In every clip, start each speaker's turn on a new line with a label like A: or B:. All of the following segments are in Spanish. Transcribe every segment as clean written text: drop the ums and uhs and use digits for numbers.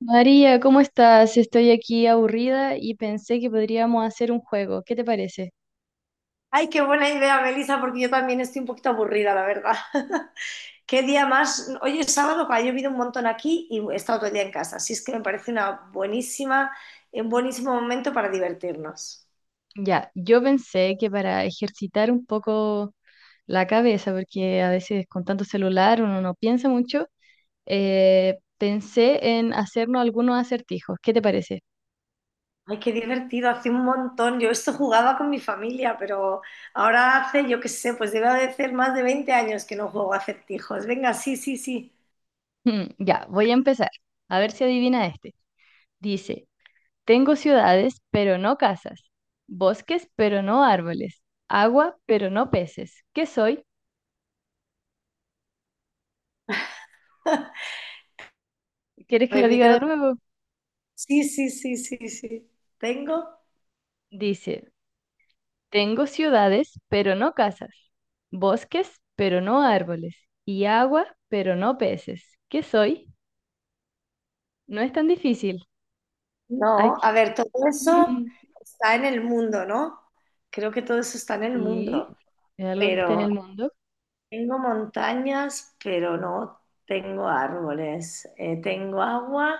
A: María, ¿cómo estás? Estoy aquí aburrida y pensé que podríamos hacer un juego. ¿Qué te parece?
B: Ay, qué buena idea, Melissa, porque yo también estoy un poquito aburrida, la verdad. ¿Qué día más? Hoy es sábado, que ha llovido un montón aquí y he estado todo el día en casa. Así es que me parece una buenísima, un buenísimo momento para divertirnos.
A: Ya, yo pensé que para ejercitar un poco la cabeza, porque a veces con tanto celular uno no piensa mucho, pensé en hacernos algunos acertijos. ¿Qué te parece?
B: Ay, qué divertido, hace un montón. Yo esto jugaba con mi familia, pero ahora hace, yo qué sé, pues debe de hacer más de 20 años que no juego a acertijos. Venga, sí, sí, sí.
A: Ya, voy a empezar. A ver si adivina este. Dice, tengo ciudades, pero no casas, bosques, pero no árboles, agua, pero no peces. ¿Qué soy? ¿Quieres que lo diga de
B: Repítelo.
A: nuevo?
B: Sí, sí, sí, sí, sí. ¿Tengo?
A: Dice, tengo ciudades, pero no casas, bosques, pero no árboles, y agua, pero no peces. ¿Qué soy? No es tan difícil. Hay
B: No,
A: que-
B: a ver, todo eso está en el mundo, ¿no? Creo que todo eso está en el
A: Sí,
B: mundo,
A: es algo que está
B: pero
A: en el mundo,
B: tengo montañas, pero no tengo árboles. Tengo agua,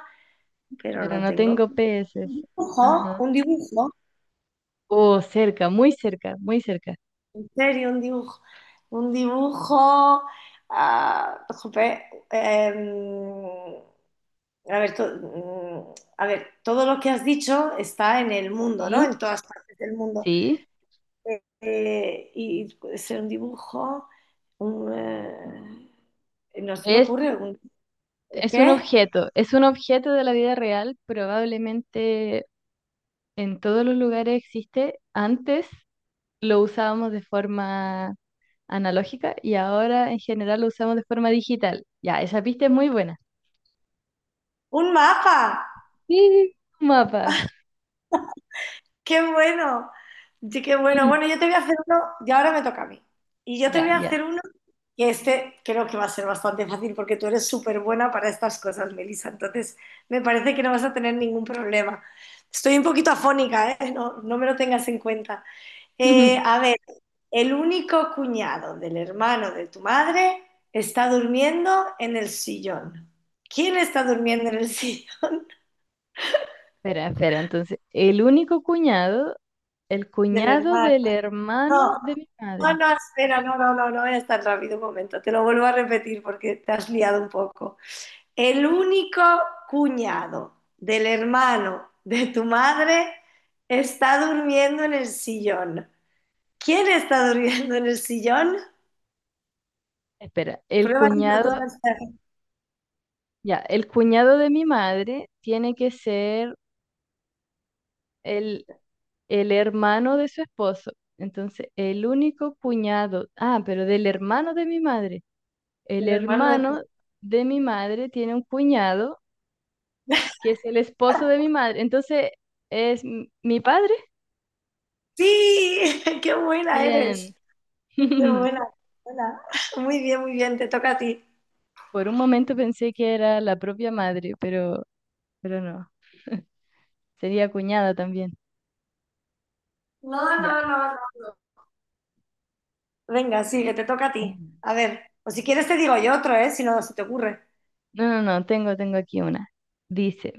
B: pero
A: pero
B: no
A: no
B: tengo
A: tengo peces.
B: dibujo,
A: Ajá.
B: un dibujo,
A: Oh, cerca, muy cerca, muy cerca.
B: en serio, un dibujo, ah, jope, em, a ver, a ver, todo lo que has dicho está en el mundo, ¿no?
A: Sí,
B: En todas partes del mundo.
A: sí.
B: Y puede ser un dibujo, un, no se me
A: Es,
B: ocurre, un,
A: es un
B: ¿qué?
A: objeto, es un objeto de la vida real, probablemente en todos los lugares existe. Antes lo usábamos de forma analógica y ahora en general lo usamos de forma digital. Ya, esa pista es muy buena.
B: Un mapa,
A: Sí, mapa.
B: qué bueno. Sí, qué bueno.
A: Ujú.
B: Bueno, yo te voy a hacer uno, y ahora me toca a mí. Y yo te voy
A: Ya,
B: a
A: ya.
B: hacer uno que este creo que va a ser bastante fácil porque tú eres súper buena para estas cosas, Melissa. Entonces, me parece que no vas a tener ningún problema. Estoy un poquito afónica, ¿eh? No, no me lo tengas en cuenta.
A: Ujú.
B: A ver, el único cuñado del hermano de tu madre está durmiendo en el sillón. ¿Quién está durmiendo en el sillón
A: Espera. Entonces, el único cuñado, el
B: del
A: cuñado
B: hermano?
A: del hermano
B: No,
A: de mi
B: no,
A: madre.
B: no, espera, no, no, no, no es tan rápido un momento. Te lo vuelvo a repetir porque te has liado un poco. El único cuñado del hermano de tu madre está durmiendo en el sillón. ¿Quién está durmiendo en el sillón?
A: Espera, el
B: Prueba
A: cuñado,
B: psicotónica
A: ya, el cuñado de mi madre tiene que ser el, el hermano de su esposo. Entonces, el único cuñado, ah, pero del hermano de mi madre. El
B: del hermano de tu.
A: hermano de mi madre tiene un cuñado que es el esposo de mi madre. Entonces, ¿es mi padre?
B: Sí, qué buena
A: Bien.
B: eres. Qué buena, buena. Muy bien, te toca a ti.
A: Por un momento pensé que era la propia madre, pero no. Sería cuñada también.
B: No,
A: Ya.
B: no, no, no. Venga, sigue, te toca a ti.
A: Mm.
B: A ver, o si quieres te digo yo otro, ¿eh? Si no se te ocurre.
A: No, no, no, tengo aquí una. Dice,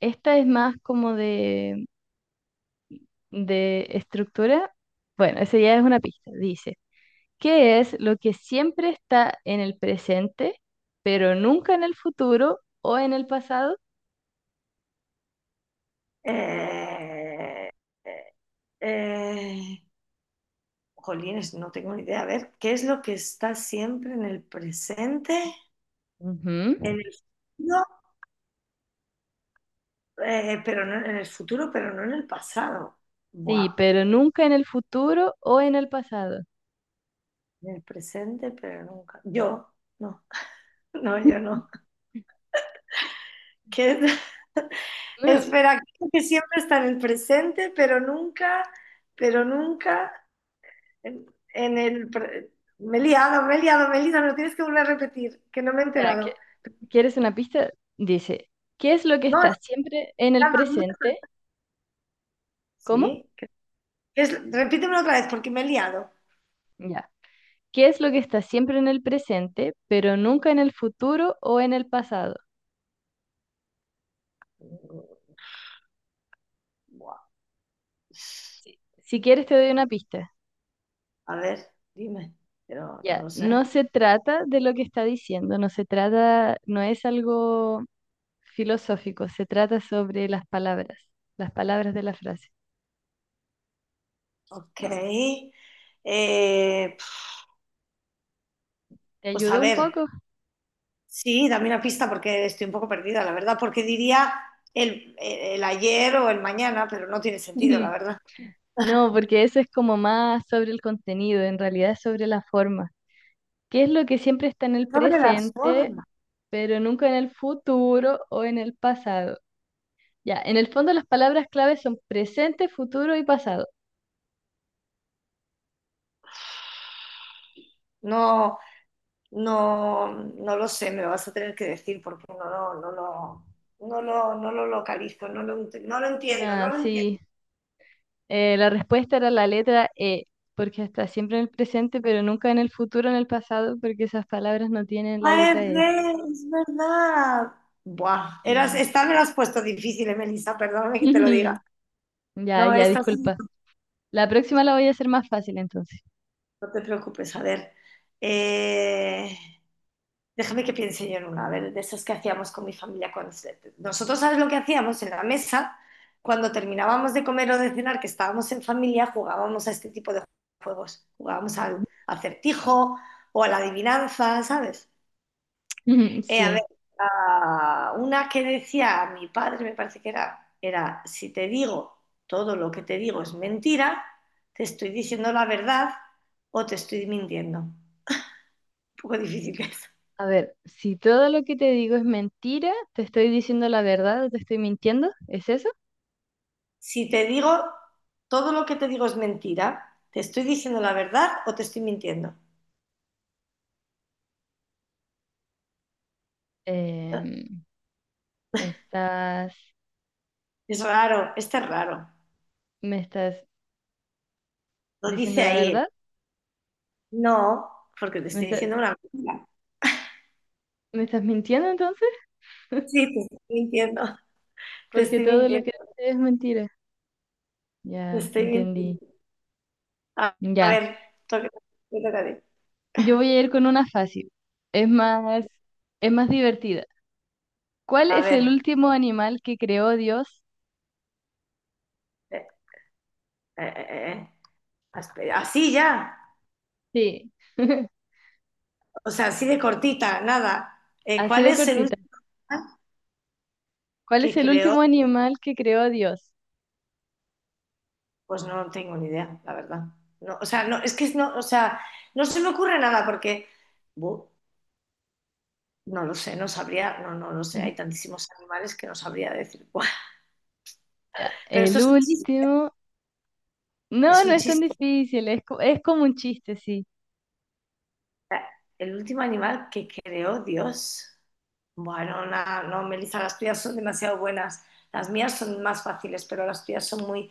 A: esta es más como de estructura. Bueno, esa ya es una pista. Dice. ¿Qué es lo que siempre está en el presente, pero nunca en el futuro o en el pasado?
B: Eh, eh, eh, jolines, no tengo ni idea. A ver, ¿qué es lo que está siempre en el presente? En
A: Ujú.
B: el futuro, pero no en el futuro, pero no en el pasado. Buah,
A: Sí, pero nunca en el futuro o en el pasado.
B: en el presente, pero nunca. Yo, no, no, yo no. Que
A: Mm,
B: espera, creo que siempre está en el presente, pero nunca en, en el... Me he liado, me he liado, me he liado, no tienes que volver a repetir, que no me he
A: Ya, que-
B: enterado.
A: ¿Quieres una pista? Dice, ¿qué es lo que
B: No, es
A: está siempre en
B: que me
A: el
B: he dado dudas.
A: presente? ¿Cómo?
B: Sí, repítemelo otra vez porque me he liado.
A: Ya. ¿Qué es lo que está siempre en el presente, pero nunca en el futuro o en el pasado?
B: Buah.
A: Si quieres te doy una pista.
B: A ver, dime, pero no
A: Ya,
B: lo
A: no
B: sé.
A: se trata de lo que está diciendo, no se trata, no es algo filosófico, se trata sobre las palabras de la frase.
B: Ok. Eh,
A: ¿Te
B: pues a
A: ayudó un
B: ver.
A: poco?
B: Sí, dame una pista porque estoy un poco perdida, la verdad, porque diría el ayer o el mañana, pero no tiene sentido, la verdad.
A: No, porque eso es como más sobre el contenido, en realidad es sobre la forma. ¿Qué es lo que siempre está en el
B: Sobre las
A: presente,
B: formas.
A: pero nunca en el futuro o en el pasado? Ya, en el fondo las palabras claves son presente, futuro y pasado.
B: No, no, no lo sé, me lo vas a tener que decir porque no, no, no, no lo localizo, no lo entiendo,
A: Ah,
B: no lo
A: sí,
B: entiendo.
A: la respuesta era la letra E, porque está siempre en el presente, pero nunca en el futuro o en el pasado, porque esas palabras no tienen la
B: Ah,
A: letra E.
B: es verdad. Buah, eras,
A: Sí.
B: esta me la has puesto difícil, Melissa, perdóname que te lo diga.
A: Ya,
B: No,
A: ya,
B: esta sí,
A: disculpa. La próxima la voy a hacer más fácil entonces.
B: no te preocupes, a ver. Eh, Déjame que piense yo en una, a ver, de esas que hacíamos con mi familia cuando... Nosotros, ¿sabes lo que hacíamos? En la mesa, cuando terminábamos de comer o de cenar, que estábamos en familia, jugábamos a este tipo de juegos. Jugábamos al acertijo o a la adivinanza, ¿sabes? A
A: Sí.
B: ver, una que decía mi padre, me parece que era, si te digo todo lo que te digo es mentira, te estoy diciendo la verdad o te estoy mintiendo. Un poco difícil.
A: A ver, si todo lo que te digo es mentira, ¿te estoy diciendo la verdad o te estoy mintiendo? ¿Es eso?
B: Si te digo todo lo que te digo es mentira, ¿te estoy diciendo la verdad o te estoy mintiendo?
A: Em, ¿me estás,
B: Es raro, este es raro.
A: me estás
B: Lo dice
A: diciendo la
B: ahí, ¿eh?
A: verdad?
B: No, porque te
A: ¿Me
B: estoy
A: está-
B: diciendo una mentira.
A: ¿me estás mintiendo entonces?
B: Sí, te estoy mintiendo, te
A: Porque
B: estoy
A: todo lo
B: mintiendo,
A: que dices es mentira.
B: te
A: Ya,
B: estoy mintiendo.
A: entendí.
B: A
A: Ya.
B: ver, toca, te toca a ti.
A: Yo voy a ir con una fácil. Es más, es más divertida. ¿Cuál
B: A
A: es el
B: ver,
A: último animal que creó Dios?
B: eh, eh, eh, eh, así ya,
A: Sí,
B: o sea, así de cortita, nada.
A: así
B: ¿Cuál
A: de
B: es el
A: cortita.
B: último
A: ¿Cuál
B: que
A: es el
B: creó?
A: último animal que creó Dios?
B: Pues no tengo ni idea, la verdad. No, o sea, no, es que no, o sea, no se me ocurre nada porque bu, no lo sé, no sabría, no, no lo sé,
A: Ujú.
B: hay tantísimos animales que no sabría decir cuál.
A: Ya,
B: Pero esto
A: el
B: es un chiste,
A: último. No,
B: es
A: no
B: un
A: es tan
B: chiste.
A: difícil, es, es como un chiste, sí.
B: El último animal que creó Dios. Bueno, no, Melissa, las tuyas son demasiado buenas. Las mías son más fáciles, pero las tuyas son muy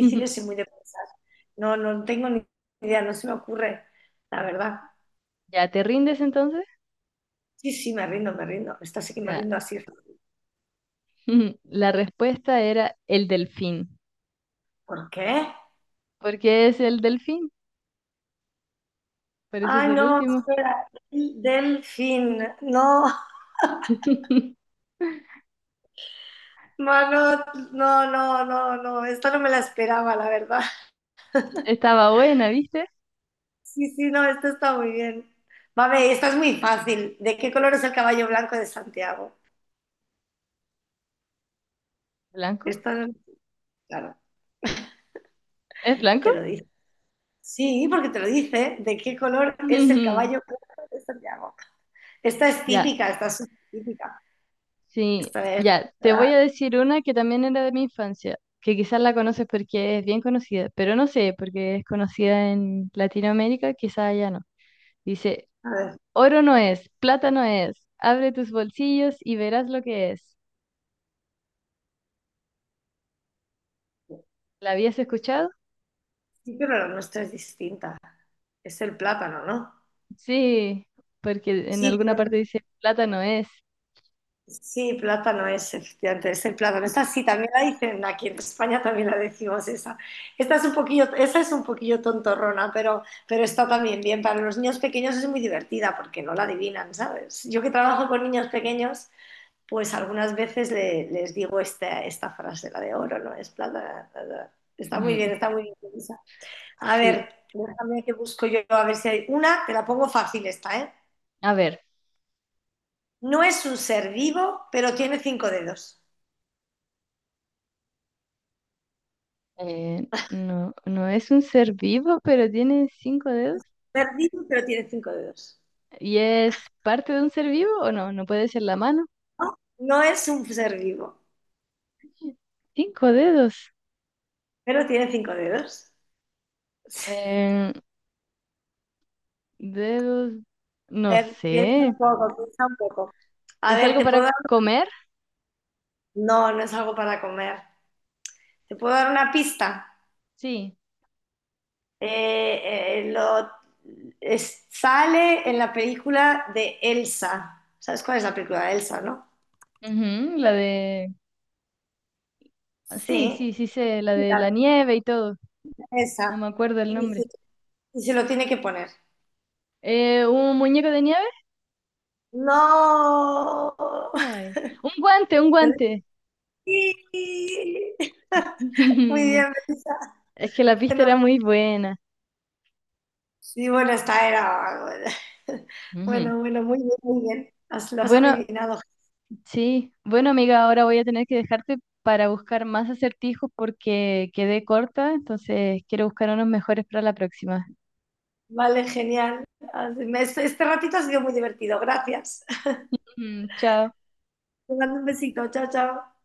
A: Ujú.
B: y muy de pensar. No, no tengo ni idea, no se me ocurre, la verdad.
A: ¿Ya te rindes entonces?
B: Sí, sí, me rindo, me rindo. Esta sí que me
A: Ya.
B: rindo así.
A: Ujú. La respuesta era el delfín.
B: ¿Por qué?
A: ¿Por qué es el delfín? Por eso es
B: Ay,
A: el
B: no,
A: último.
B: espera, el delfín. No, mano, no, no, no, no, esta no me la esperaba, la verdad.
A: Estaba buena, ¿viste?
B: Sí, sí, no, esto está muy bien. Vale, esta es muy fácil. ¿De qué color es el caballo blanco de Santiago?
A: ¿Blanco?
B: Esta, claro,
A: ¿Es blanco?
B: te lo dice. Sí, porque te lo dice. ¿De qué color es el
A: Ujú.
B: caballo blanco de Santiago? Esta es
A: Ya.
B: típica, esta es súper típica.
A: Sí,
B: Esta es,
A: ya, te voy a decir una que también era de mi infancia, que quizás la conoces porque es bien conocida, pero no sé, porque es conocida en Latinoamérica, quizás allá no. Dice,
B: a ver,
A: oro no es, plata no es, abre tus bolsillos y verás lo que es. ¿La habías escuchado?
B: sí, pero la nuestra es distinta. Es el plátano, ¿no?
A: Sí, porque en
B: Sí,
A: alguna parte
B: pero
A: dice, plata no es.
B: sí, plátano es, efectivamente, es el plátano. Esa sí, también la dicen aquí en España, también la decimos esa. Esta es un poquillo, esa es un poquillo tontorrona, pero está también bien. Para los niños pequeños es muy divertida porque no la adivinan, ¿sabes? Yo que trabajo con niños pequeños, pues algunas veces les digo esta frase, la de oro, ¿no? Es plátano. Está muy bien,
A: Ujú,
B: está muy bien, esa. A
A: sí,
B: ver, déjame que busco yo, a ver si hay una, te la pongo fácil esta, ¿eh?
A: a ver,
B: No es un ser vivo, pero tiene cinco dedos.
A: no, no es un ser vivo, pero tiene cinco dedos.
B: Ser vivo, pero tiene cinco dedos.
A: ¿Y es parte de un ser vivo o no? ¿No puede ser la mano?
B: No, no es un ser vivo,
A: Cinco dedos.
B: pero tiene cinco dedos.
A: Eh, dedos,
B: A
A: no
B: ver, piensa
A: sé.
B: un poco, piensa un poco. A
A: ¿Es
B: ver,
A: algo
B: te puedo
A: para
B: dar...
A: comer?
B: No, no es algo para comer. Te puedo dar una pista.
A: Sí.
B: Lo... sale en la película de Elsa. ¿Sabes cuál es la película de Elsa, no?
A: Ujú, la de... ah, sí,
B: Sí,
A: sí, sí sé, la
B: sí,
A: de
B: la
A: la nieve y todo.
B: de
A: No
B: Elsa.
A: me acuerdo el
B: Y se,
A: nombre.
B: y se lo tiene que poner.
A: ¿Un muñeco de nieve?
B: No.
A: Ay. Un guante, un guante.
B: Sí. Muy bien, Melissa.
A: Es que la pista era
B: Fenomenal.
A: muy buena.
B: Sí, bueno, esta era. Bueno,
A: Ujú.
B: bueno, bueno, muy bien, muy bien. Lo has
A: Bueno,
B: adivinado.
A: sí. Bueno, amiga, ahora voy a tener que dejarte para buscar más acertijos porque quedé corta, entonces quiero buscar unos mejores para la próxima.
B: Vale, genial. Este, este ratito ha sido muy divertido. Gracias.
A: Mm, chao.
B: Te mando un besito. Chao, chao.